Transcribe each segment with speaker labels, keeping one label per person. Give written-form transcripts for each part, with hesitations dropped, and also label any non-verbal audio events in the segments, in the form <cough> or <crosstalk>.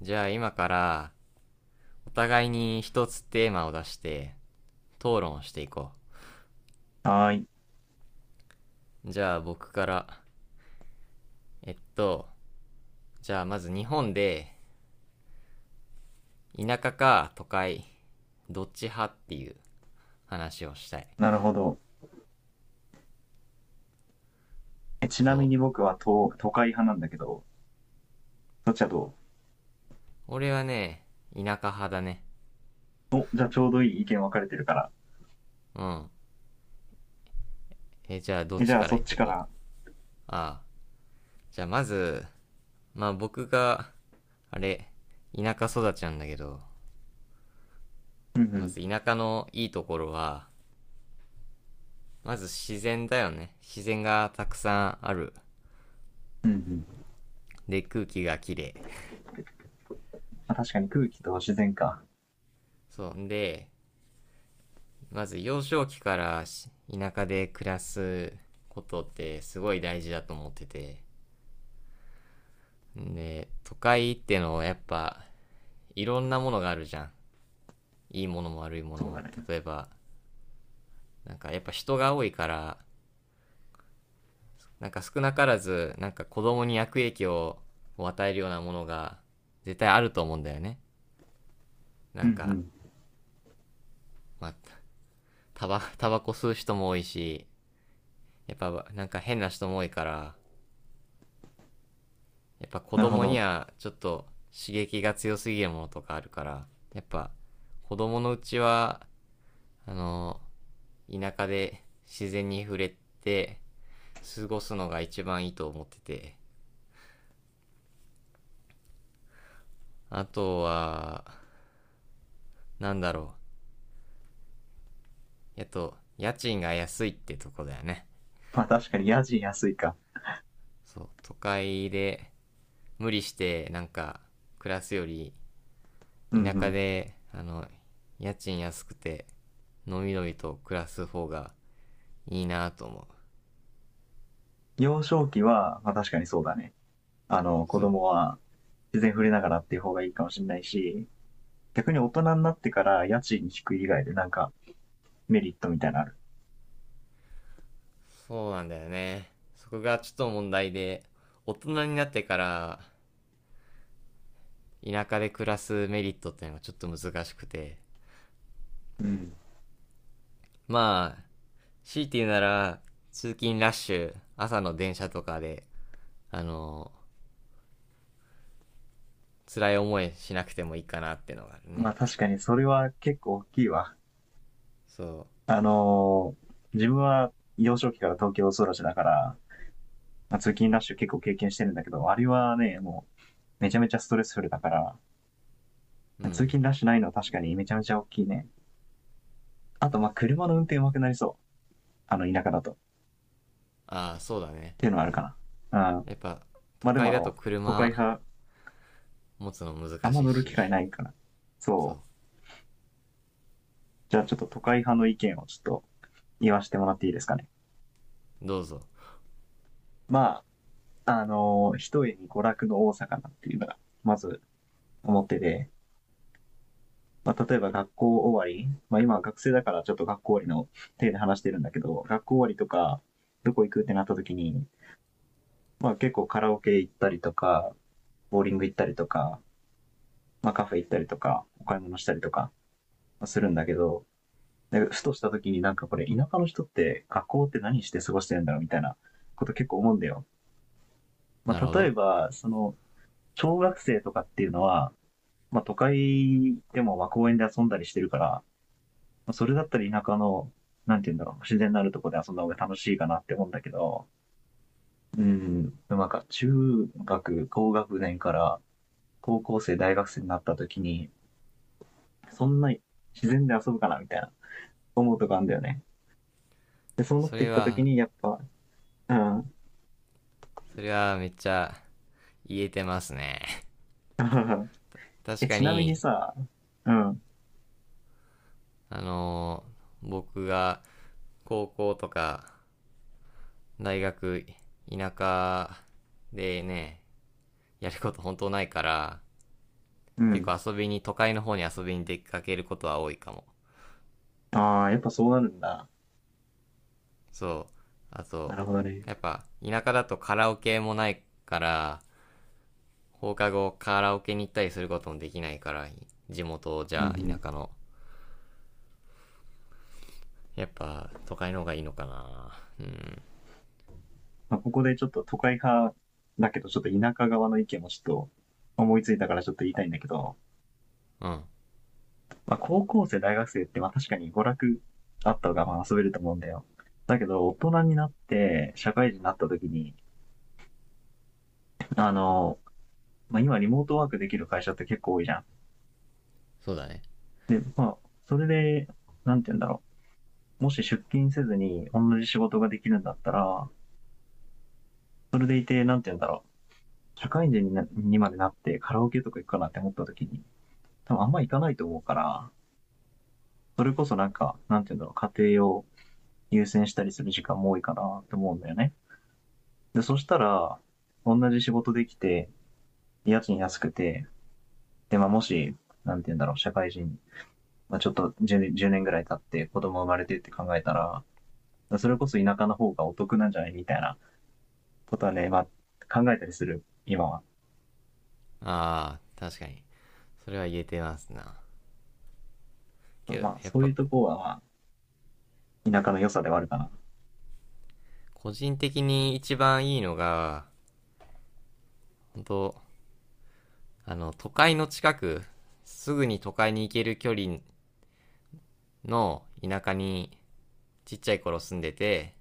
Speaker 1: じゃあ今からお互いに一つテーマを出して討論していこ
Speaker 2: はーい。
Speaker 1: う。じゃあ僕から。えっと、じゃあまず日本で田舎か都会どっち派っていう話をしたい。
Speaker 2: なるほど。え、ちな
Speaker 1: そう。
Speaker 2: みに僕は都会派なんだけど、そっちはど
Speaker 1: 俺はね、田舎派だね。
Speaker 2: うお、じゃあちょうどいい意見分かれてるから。
Speaker 1: うん。え、じゃあどっ
Speaker 2: え、じ
Speaker 1: ち
Speaker 2: ゃあ
Speaker 1: から
Speaker 2: そ
Speaker 1: 言
Speaker 2: っ
Speaker 1: っ
Speaker 2: ち
Speaker 1: て
Speaker 2: か
Speaker 1: こう。
Speaker 2: ら。
Speaker 1: ああ。じゃあまず、まあ僕が、あれ、田舎育ちなんだけど、
Speaker 2: うんう
Speaker 1: ま
Speaker 2: ん。
Speaker 1: ず田舎のいいところは、まず自然だよね。自然がたくさんある。
Speaker 2: うんうん。
Speaker 1: で、空気がきれい。
Speaker 2: まあ確かに空気と自然か。
Speaker 1: そう。んで、まず幼少期から田舎で暮らすことってすごい大事だと思ってて。で、都会ってのはやっぱいろんなものがあるじゃん。いいものも悪いもの
Speaker 2: そう
Speaker 1: も。
Speaker 2: だね。
Speaker 1: 例えば、なんかやっぱ人が多いから、なんか少なからず、なんか子供に悪影響を与えるようなものが絶対あると思うんだよね。な
Speaker 2: うん
Speaker 1: ん
Speaker 2: う
Speaker 1: か、
Speaker 2: ん。
Speaker 1: まあ、タバコ吸う人も多いし、やっぱなんか変な人も多いから、やっぱ子
Speaker 2: なるほ
Speaker 1: 供に
Speaker 2: ど。
Speaker 1: はちょっと刺激が強すぎるものとかあるから、やっぱ子供のうちは、あの、田舎で自然に触れて過ごすのが一番いいと思ってて、あとは、なんだろう。やっと、家賃が安いってとこだよね。
Speaker 2: まあ確かに家賃安いか。
Speaker 1: そう、都会で無理してなんか暮らすより、
Speaker 2: うんう
Speaker 1: 田舎
Speaker 2: ん。
Speaker 1: で、家賃安くて、のびのびと暮らす方がいいなぁと思う。
Speaker 2: 幼少期は、まあ確かにそうだね。あの、子
Speaker 1: そう。
Speaker 2: 供は自然触れながらっていう方がいいかもしれないし、逆に大人になってから家賃低い以外でなんかメリットみたいなのある。
Speaker 1: そうなんだよね。そこがちょっと問題で、大人になってから、田舎で暮らすメリットっていうのがちょっと難しくて。
Speaker 2: うん。
Speaker 1: まあ、強いて言うなら、通勤ラッシュ、朝の電車とかで、あの、辛い思いしなくてもいいかなってのがある
Speaker 2: ま
Speaker 1: ね。
Speaker 2: あ確かにそれは結構大きいわ。
Speaker 1: そ
Speaker 2: あのー自分は幼少期から東京育ちだから、まあ通勤ラッシュ結構経験してるんだけど、あれはね、もうめちゃめちゃストレスフルだから、
Speaker 1: う。う
Speaker 2: 通
Speaker 1: ん。
Speaker 2: 勤ラッシュないのは確かにめちゃめちゃ大きいね。あと、まあ、車の運転上手くなりそう。あの、田舎だと。っ
Speaker 1: ああ、そうだね。
Speaker 2: ていうのはあるかな。うん。
Speaker 1: やっぱ、都
Speaker 2: まあ、で
Speaker 1: 会
Speaker 2: もあ
Speaker 1: だと
Speaker 2: の、都会
Speaker 1: 車
Speaker 2: 派、
Speaker 1: 持つの
Speaker 2: あ
Speaker 1: 難
Speaker 2: んま
Speaker 1: しい
Speaker 2: 乗る
Speaker 1: し。
Speaker 2: 機会ないかな、
Speaker 1: そう。
Speaker 2: そう。じゃあちょっと都会派の意見をちょっと言わせてもらっていいですかね。
Speaker 1: どうぞ。
Speaker 2: まあ、一重に娯楽の多さかなっていうのが、まず思ってて、まあ、例えば学校終わり、まあ、今は学生だからちょっと学校終わりの手で話してるんだけど、学校終わりとか、どこ行くってなった時に、まあ結構カラオケ行ったりとか、ボーリング行ったりとか、まあカフェ行ったりとか、お買い物したりとかするんだけど、ふとした時になんかこれ田舎の人って学校って何して過ごしてるんだろうみたいなこと結構思うんだよ。ま
Speaker 1: なるほ
Speaker 2: あ例え
Speaker 1: ど。
Speaker 2: ば、その、小学生とかっていうのは、まあ都会でもまあ公園で遊んだりしてるから、それだったら田舎の、なんていうんだろう、自然のあるところで遊んだ方が楽しいかなって思うんだけど、うん、なんか中学、高学年から高校生、大学生になった時に、そんな自然で遊ぶかなみたいな思うとこあるんだよね。で、そうなっ
Speaker 1: そ
Speaker 2: て
Speaker 1: れ
Speaker 2: きた時
Speaker 1: は
Speaker 2: に、やっぱ、うん。
Speaker 1: それはめっちゃ言えてますね。
Speaker 2: <laughs>
Speaker 1: 確
Speaker 2: え、
Speaker 1: か
Speaker 2: ちなみに
Speaker 1: に。
Speaker 2: さ、うん、
Speaker 1: あのー僕が高校とか大学、田舎でね、やること本当ないから、
Speaker 2: う
Speaker 1: 結
Speaker 2: ん。
Speaker 1: 構遊びに都会の方に遊びに出かけることは多いかも。
Speaker 2: ああ、やっぱそうなるんだ。
Speaker 1: そう。あ
Speaker 2: な
Speaker 1: と、
Speaker 2: るほどね。
Speaker 1: やっぱ田舎だとカラオケもないから、放課後カラオケに行ったりすることもできないから、地元じ
Speaker 2: うんう
Speaker 1: ゃあ田
Speaker 2: ん。
Speaker 1: 舎の。やっぱ都会の方がいいのかな。うん。
Speaker 2: まあ、ここでちょっと都会派だけど、ちょっと田舎側の意見もちょっと思いついたからちょっと言いたいんだけど、
Speaker 1: うん。
Speaker 2: まあ、高校生、大学生って、まあ、確かに娯楽あった方がまあ遊べると思うんだよ。だけど、大人になって、社会人になった時に、あの、まあ、今リモートワークできる会社って結構多いじゃん。
Speaker 1: そうだね。
Speaker 2: まあ、それで、なんて言うんだろう。もし出勤せずに同じ仕事ができるんだったら、それでいて、なんて言うんだろう。社会人になにまでなってカラオケとか行くかなって思った時に、多分あんま行かないと思うから、それこそなんか、なんて言うんだろう、家庭を優先したりする時間も多いかなって思うんだよね。で、そしたら、同じ仕事できて、家賃安くて、で、まあ、もし、なんて言うんだろう、社会人、まあ、ちょっと 10年ぐらい経って子供生まれてって考えたら、それこそ田舎の方がお得なんじゃないみたいなことはね、まあ、考えたりする、今は。
Speaker 1: ああ、確かに。それは言えてますな。けど、
Speaker 2: まあ、
Speaker 1: やっ
Speaker 2: そう
Speaker 1: ぱ
Speaker 2: いうとこは、まあ、田舎の良さではあるかな。
Speaker 1: 個人的に一番いいのが、本当、都会の近く、すぐに都会に行ける距離の田舎にちっちゃい頃住んでて、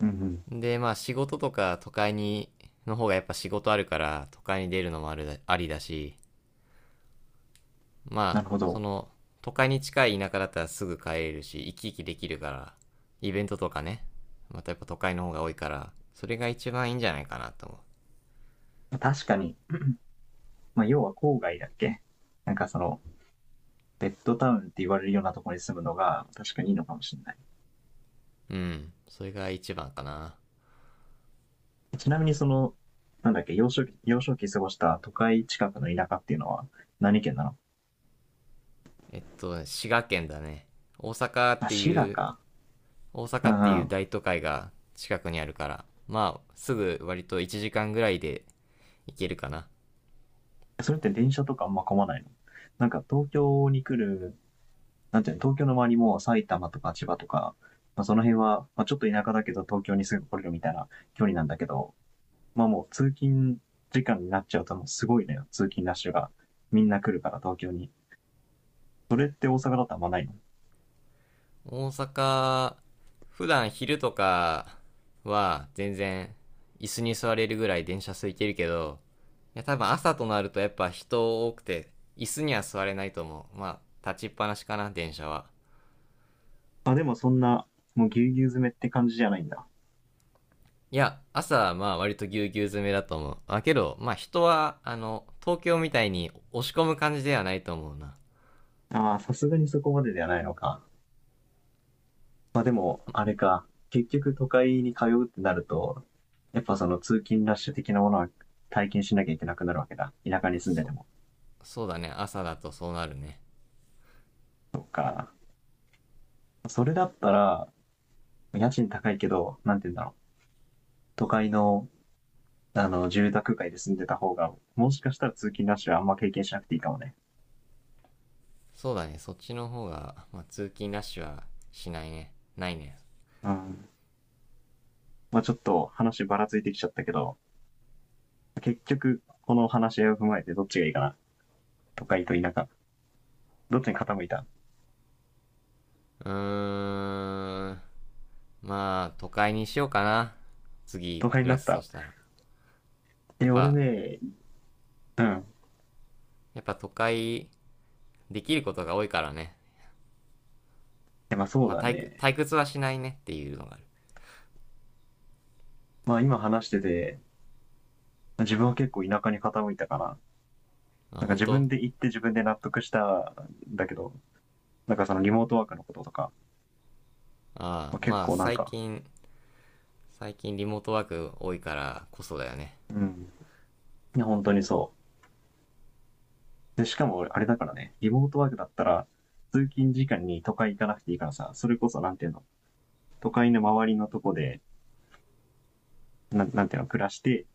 Speaker 2: うんうん。
Speaker 1: で、まあ仕事とか都会に、の方がやっぱ仕事あるから、都会に出るのもあるだありだし、
Speaker 2: な
Speaker 1: まあ、
Speaker 2: るほ
Speaker 1: そ
Speaker 2: ど。
Speaker 1: の、都会に近い田舎だったらすぐ帰れるし、生き生きできるから、イベントとかね、またやっぱ都会の方が多いから、それが一番いいんじゃないかなと思
Speaker 2: 確かに、まあ、要は郊外だっけ、なんかその、ベッドタウンって言われるようなところに住むのが、確かにいいのかもしれない。
Speaker 1: う。うん、それが一番かな。
Speaker 2: ちなみにその、なんだっけ、幼少期過ごした都会近くの田舎っていうのは何県なの、
Speaker 1: 滋賀県だね。大阪っ
Speaker 2: あ、
Speaker 1: て
Speaker 2: 滋賀
Speaker 1: いう、
Speaker 2: か。
Speaker 1: 大
Speaker 2: う
Speaker 1: 阪って
Speaker 2: ん
Speaker 1: い
Speaker 2: う
Speaker 1: う
Speaker 2: ん。
Speaker 1: 大都会が近くにあるから、まあ、すぐ割と1時間ぐらいで行けるかな。
Speaker 2: それって電車とかあんま混まないの、なんか東京に来る、なんていうの、東京の周りも埼玉とか千葉とか、まあ、その辺は、まあ、ちょっと田舎だけど東京にすぐ来れるみたいな距離なんだけど、まあもう通勤時間になっちゃうともうすごいのよ、通勤ラッシュが。みんな来るから東京に。それって大阪だとあんまないの、
Speaker 1: 大阪、普段昼とかは全然椅子に座れるぐらい電車空いてるけど、いや多分朝となるとやっぱ人多くて、椅子には座れないと思う。まあ、立ちっぱなしかな、電車は。
Speaker 2: あ、でもそんな、もうぎゅうぎゅう詰めって感じじゃないんだ。
Speaker 1: いや、朝はまあ割とぎゅうぎゅう詰めだと思う。あ、けど、まあ人は、東京みたいに押し込む感じではないと思うな。
Speaker 2: ああ、さすがにそこまでではないのか。まあでも、あれか。結局都会に通うってなると、やっぱその通勤ラッシュ的なものは体験しなきゃいけなくなるわけだ。田舎に住んでて
Speaker 1: そ、
Speaker 2: も。
Speaker 1: そうだね、朝だとそうなるね。
Speaker 2: これだったら、家賃高いけど、なんて言うんだろう。都会の、あの、住宅街で住んでた方が、もしかしたら通勤ラッシュはあんま経験しなくていいかもね。
Speaker 1: そうだね、そっちの方が、まあ通勤ラッシュはしないね。ないね。
Speaker 2: うん。まあちょっと話ばらついてきちゃったけど、結局、この話し合いを踏まえてどっちがいいかな。都会と田舎。どっちに傾いた、
Speaker 1: うーん。まあ、都会にしようかな。
Speaker 2: 都
Speaker 1: 次、
Speaker 2: 会に
Speaker 1: 暮
Speaker 2: な
Speaker 1: ら
Speaker 2: っ
Speaker 1: すと
Speaker 2: た。
Speaker 1: したら。やっ
Speaker 2: え、俺
Speaker 1: ぱ、
Speaker 2: ね、うん。
Speaker 1: やっぱ都会、できることが多いからね。
Speaker 2: まあそう
Speaker 1: まあ、
Speaker 2: だ
Speaker 1: 退屈
Speaker 2: ね。
Speaker 1: 退屈はしないねっていうのがある。
Speaker 2: まあ今話してて、自分は結構田舎に傾いたから、
Speaker 1: あ、
Speaker 2: なんか
Speaker 1: 本
Speaker 2: 自
Speaker 1: 当。
Speaker 2: 分で行って自分で納得したんだけど、なんかそのリモートワークのこととか、
Speaker 1: ああ、
Speaker 2: まあ、結
Speaker 1: まあ、
Speaker 2: 構なん
Speaker 1: 最
Speaker 2: か、
Speaker 1: 近、最近リモートワーク多いからこそだよね。
Speaker 2: うん、いや本当にそう。で、しかもあれだからね、リモートワークだったら、通勤時間に都会行かなくていいからさ、それこそなんていうの、都会の周りのとこで、なんなんていうの、暮らして、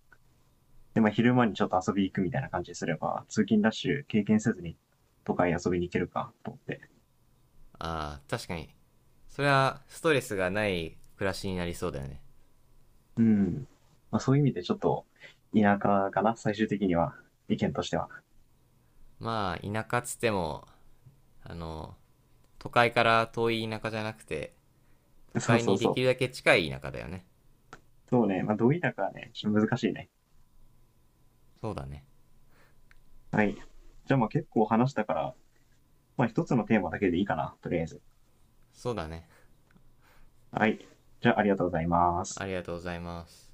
Speaker 2: で、まあ昼間にちょっと遊び行くみたいな感じにすれば、通勤ラッシュ経験せずに都会に遊びに行けるかと思って。
Speaker 1: ああ、確かに。それはストレスがない暮らしになりそうだよね。
Speaker 2: うん。まあ、そういう意味でちょっと田舎かな、最終的には。意見としては。
Speaker 1: まあ、田舎っつっても、あの、都会から遠い田舎じゃなくて、都
Speaker 2: そう
Speaker 1: 会
Speaker 2: そう
Speaker 1: にで
Speaker 2: そ
Speaker 1: きるだ
Speaker 2: う。
Speaker 1: け近い田舎だよね。
Speaker 2: そうね。まあ、どう田舎はね、ちょっと難しいね。
Speaker 1: そうだね。
Speaker 2: はい。じゃあまあ結構話したから、まあ一つのテーマだけでいいかな、とりあえず。
Speaker 1: そうだね。
Speaker 2: はい。じゃあありがとうございま
Speaker 1: あ
Speaker 2: す。
Speaker 1: りがとうございます。